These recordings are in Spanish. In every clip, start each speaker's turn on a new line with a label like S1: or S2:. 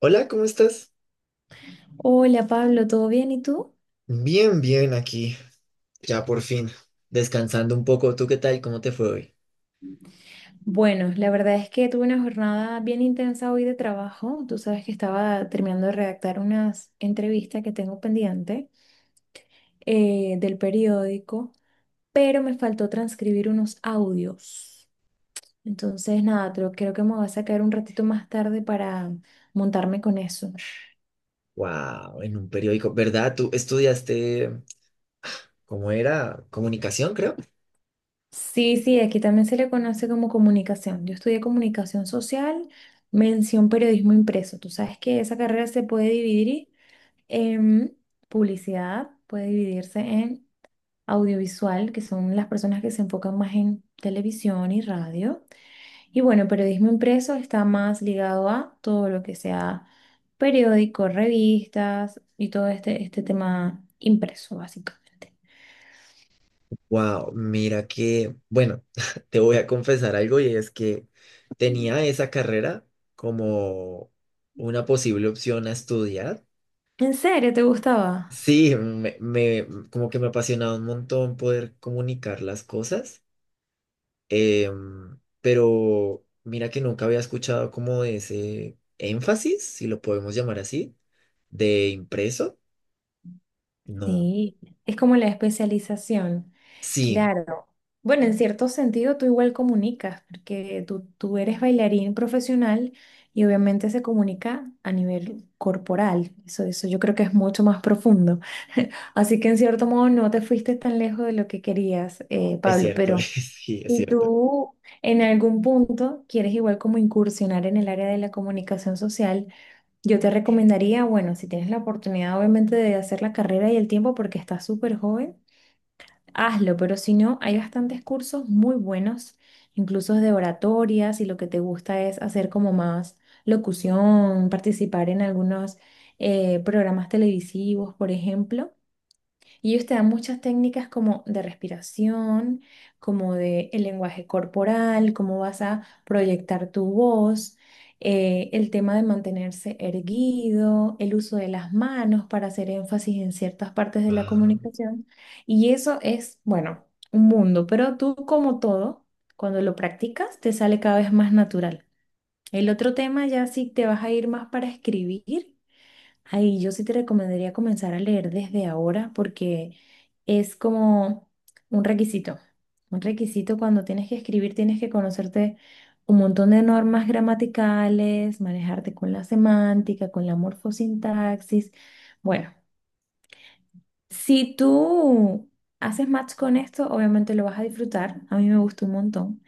S1: Hola, ¿cómo estás?
S2: Hola Pablo, ¿todo bien? ¿Y tú?
S1: Bien, bien aquí, ya por fin, descansando un poco. ¿Tú qué tal? ¿Cómo te fue hoy?
S2: Bueno, la verdad es que tuve una jornada bien intensa hoy de trabajo. Tú sabes que estaba terminando de redactar unas entrevistas que tengo pendiente del periódico, pero me faltó transcribir unos audios. Entonces, nada, creo que me voy a sacar un ratito más tarde para montarme con eso.
S1: Wow, en un periódico, ¿verdad? ¿Tú estudiaste, cómo era? Comunicación, creo.
S2: Sí, sí, aquí también se le conoce como comunicación. Yo estudié comunicación social, mención periodismo impreso. Tú sabes que esa carrera se puede dividir. Em, Publicidad puede dividirse en audiovisual, que son las personas que se enfocan más en televisión y radio. Y bueno, periodismo impreso está más ligado a todo lo que sea periódicos, revistas y todo este tema impreso, básicamente.
S1: Wow, mira que, bueno, te voy a confesar algo y es que tenía esa carrera como una posible opción a estudiar.
S2: ¿En serio te gustaba?
S1: Sí, como que me apasionaba un montón poder comunicar las cosas, pero mira que nunca había escuchado como de ese énfasis, si lo podemos llamar así, de impreso. No,
S2: Sí, es como la especialización.
S1: sí,
S2: Claro. Bueno, en cierto sentido tú igual comunicas, porque tú eres bailarín profesional y obviamente se comunica a nivel corporal. Eso, yo creo que es mucho más profundo. Así que en cierto modo no te fuiste tan lejos de lo que querías,
S1: es
S2: Pablo,
S1: cierto,
S2: pero
S1: sí, es
S2: si
S1: cierto.
S2: tú en algún punto quieres igual como incursionar en el área de la comunicación social, yo te recomendaría, bueno, si tienes la oportunidad obviamente de hacer la carrera y el tiempo porque estás súper joven, hazlo, pero si no, hay bastantes cursos muy buenos, incluso de oratoria, si lo que te gusta es hacer como más locución, participar en algunos programas televisivos, por ejemplo. Y ellos te dan muchas técnicas como de respiración, como de el lenguaje corporal, cómo vas a proyectar tu voz, el tema de mantenerse erguido, el uso de las manos para hacer énfasis en ciertas partes de la
S1: Ah,
S2: comunicación. Y eso es, bueno, un mundo, pero tú como todo, cuando lo practicas, te sale cada vez más natural. El otro tema ya sí te vas a ir más para escribir. Ahí yo sí te recomendaría comenzar a leer desde ahora porque es como un requisito. Un requisito cuando tienes que escribir, tienes que conocerte un montón de normas gramaticales, manejarte con la semántica, con la morfosintaxis. Bueno, si tú haces match con esto, obviamente lo vas a disfrutar. A mí me gustó un montón.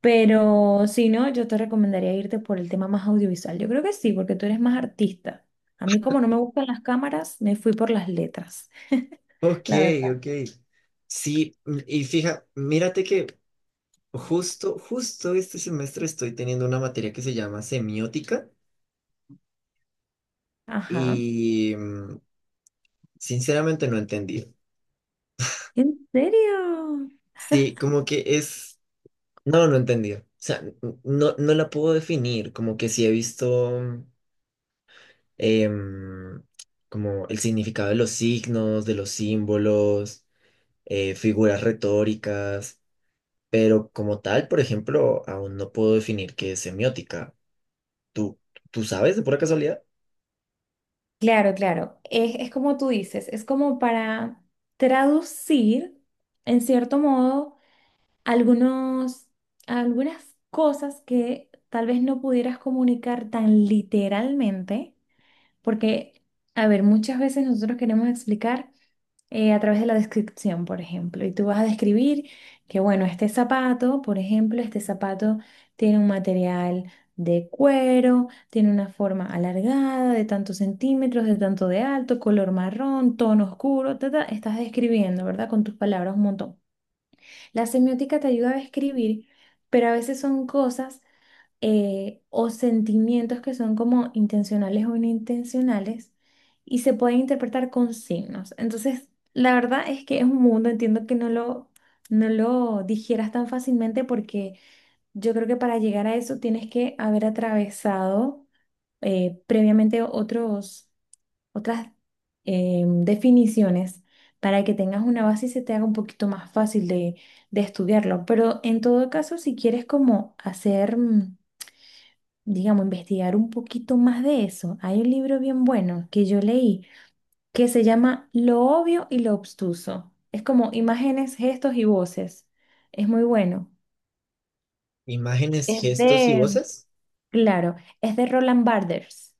S2: Pero si no, yo te recomendaría irte por el tema más audiovisual. Yo creo que sí, porque tú eres más artista. A mí como no me gustan las cámaras, me fui por las letras,
S1: ok,
S2: la verdad.
S1: ok. Sí, y fija, mírate que justo este semestre estoy teniendo una materia que se llama semiótica
S2: Ajá.
S1: y sinceramente no entendí.
S2: ¿En serio?
S1: Sí, como que es, no entendí. O sea, no la puedo definir, como que sí he visto em, como el significado de los signos, de los símbolos, figuras retóricas, pero como tal, por ejemplo, aún no puedo definir qué es semiótica. ¿Tú, ¿tú sabes de pura casualidad?
S2: Claro, claro. Es como tú dices, es como para traducir, en cierto modo, algunos, algunas cosas que tal vez no pudieras comunicar tan literalmente, porque, a ver, muchas veces nosotros queremos explicar a través de la descripción, por ejemplo. Y tú vas a describir que, bueno, este zapato, por ejemplo, este zapato tiene un material de cuero, tiene una forma alargada de tantos centímetros, de tanto de alto, color marrón, tono oscuro, ta, ta. Estás describiendo, ¿verdad? Con tus palabras un montón. La semiótica te ayuda a describir, pero a veces son cosas, o sentimientos que son como intencionales o inintencionales y se pueden interpretar con signos. Entonces, la verdad es que es un mundo, entiendo que no lo digieras tan fácilmente porque yo creo que para llegar a eso tienes que haber atravesado previamente otros, otras definiciones para que tengas una base y se te haga un poquito más fácil de estudiarlo. Pero en todo caso, si quieres como hacer digamos, investigar un poquito más de eso. Hay un libro bien bueno que yo leí que se llama Lo obvio y lo obstuso. Es como imágenes, gestos y voces. Es muy bueno.
S1: Imágenes,
S2: Es
S1: gestos y
S2: de,
S1: voces.
S2: claro, es de Roland Barthes.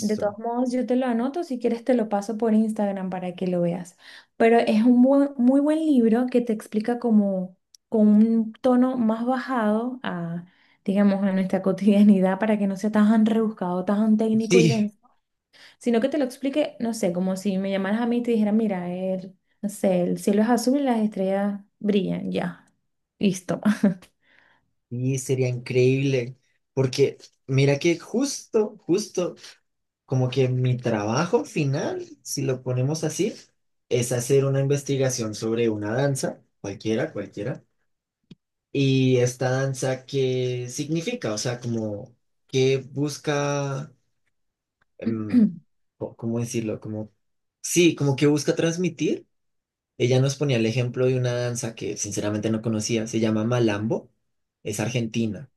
S2: De todos modos, yo te lo anoto, si quieres te lo paso por Instagram para que lo veas. Pero es un muy buen libro que te explica como con un tono más bajado a, digamos, a nuestra cotidianidad para que no sea tan rebuscado, tan técnico y
S1: Sí,
S2: denso, sino que te lo explique, no sé, como si me llamaras a mí y te dijera, mira, no sé, el cielo es azul y las estrellas brillan, ya, listo.
S1: sí, sería increíble. Porque mira que como que mi trabajo final, si lo ponemos así, es hacer una investigación sobre una danza, cualquiera, cualquiera. Y esta danza, ¿qué significa? O sea, como, ¿qué busca, em, cómo decirlo? Como, sí, como que busca transmitir. Ella nos ponía el ejemplo de una danza que sinceramente no conocía, se llama Malambo, es argentina.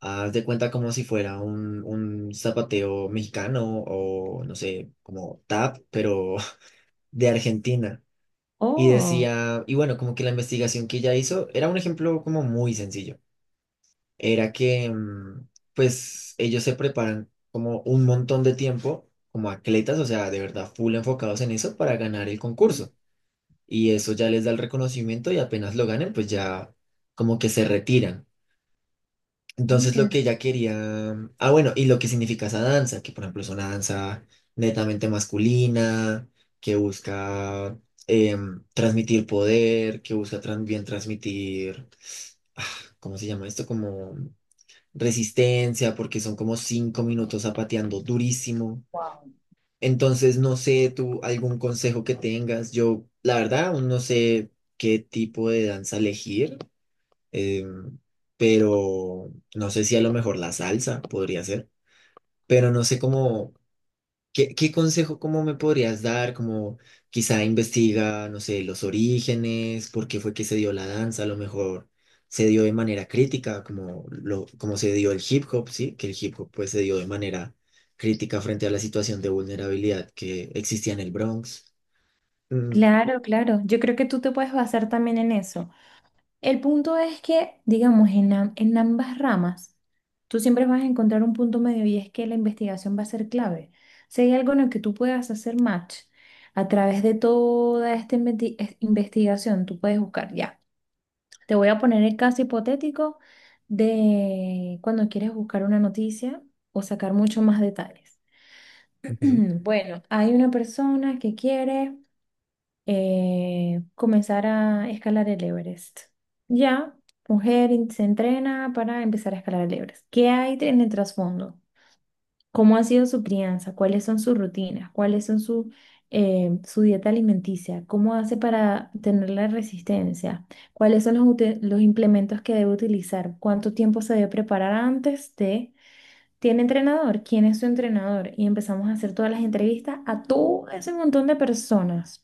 S1: Haz de cuenta como si fuera un zapateo mexicano o no sé, como tap, pero de Argentina. Y
S2: Oh,
S1: decía, y bueno, como que la investigación que ella hizo era un ejemplo como muy sencillo. Era que pues ellos se preparan como un montón de tiempo como atletas, o sea, de verdad, full enfocados en eso para ganar el concurso. Y eso ya les da el reconocimiento y apenas lo ganen, pues ya como que se retiran. Entonces lo que
S2: mira.
S1: ella quería, y lo que significa esa danza, que por ejemplo es una danza netamente masculina, que busca transmitir poder, que busca también transmitir, ah, ¿cómo se llama esto? Como resistencia, porque son como 5 minutos zapateando durísimo.
S2: Wow.
S1: Entonces, no sé tú algún consejo que tengas. Yo, la verdad, aún no sé qué tipo de danza elegir, em, pero no sé si a lo mejor la salsa podría ser, pero no sé cómo. ¿Qué consejo cómo me podrías dar? Como quizá investiga, no sé, los orígenes, por qué fue que se dio la danza, a lo mejor se dio de manera crítica, como se dio el hip hop, ¿sí? Que el hip hop pues se dio de manera crítica frente a la situación de vulnerabilidad que existía en el Bronx. Mm,
S2: Claro, claro. Yo creo que tú te puedes basar también en eso. El punto es que, digamos, en ambas ramas, tú siempre vas a encontrar un punto medio y es que la investigación va a ser clave. Si hay algo en el que tú puedas hacer match a través de toda esta investigación, tú puedes buscar, ya. Te voy a poner el caso hipotético de cuando quieres buscar una noticia o sacar mucho más detalles.
S1: ujú.
S2: Bueno, hay una persona que quiere comenzar a escalar el Everest. Ya, se entrena para empezar a escalar el Everest. ¿Qué hay en el trasfondo? ¿Cómo ha sido su crianza? ¿Cuáles son sus rutinas? ¿Cuáles son su dieta alimenticia? ¿Cómo hace para tener la resistencia? ¿Cuáles son los implementos que debe utilizar? ¿Cuánto tiempo se debe preparar antes de... ¿Tiene entrenador? ¿Quién es su entrenador? Y empezamos a hacer todas las entrevistas a todo ese montón de personas.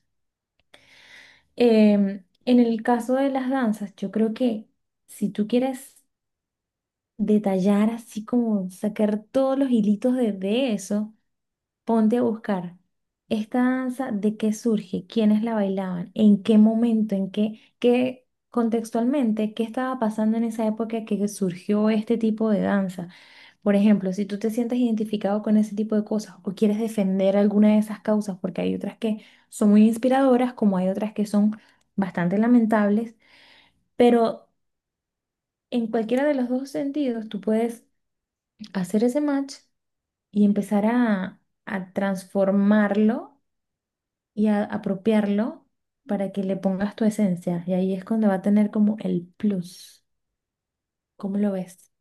S2: En el caso de las danzas, yo creo que si tú quieres detallar así como sacar todos los hilitos de eso. Ponte a buscar esta danza, de qué surge, quiénes la bailaban, en qué momento, qué contextualmente, qué estaba pasando en esa época que surgió este tipo de danza. Por ejemplo, si tú te sientes identificado con ese tipo de cosas o quieres defender alguna de esas causas, porque hay otras que son muy inspiradoras, como hay otras que son bastante lamentables, pero en cualquiera de los dos sentidos tú puedes hacer ese match y empezar a transformarlo y apropiarlo para que le pongas tu esencia. Y ahí es cuando va a tener como el plus. ¿Cómo lo ves?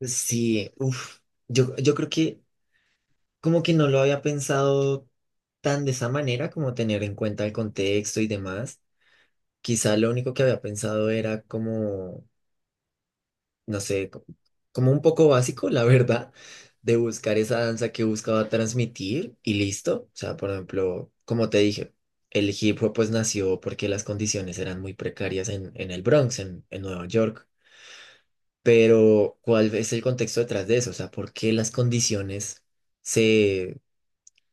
S1: Sí, uf, yo creo que como que no lo había pensado tan de esa manera, como tener en cuenta el contexto y demás. Quizá lo único que había pensado era como no sé, como un poco básico, la verdad, de buscar esa danza que buscaba transmitir y listo. O sea, por ejemplo, como te dije, el hip hop pues nació porque las condiciones eran muy precarias en el Bronx, en Nueva York. Pero, ¿cuál es el contexto detrás de eso? O sea, ¿por qué las condiciones se,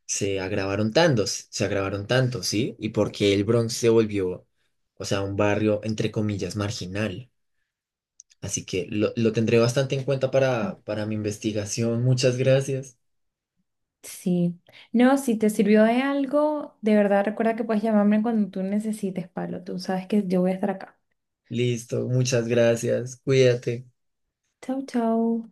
S1: se agravaron tanto, ¿sí? ¿Y por qué el Bronx se volvió, o sea, un barrio, entre comillas, marginal? Así que lo tendré bastante en cuenta para mi investigación. Muchas gracias.
S2: Sí. No, si te sirvió de algo, de verdad recuerda que puedes llamarme cuando tú necesites, Pablo. Tú sabes que yo voy a estar acá.
S1: Listo, muchas gracias. Cuídate.
S2: Chau, chau.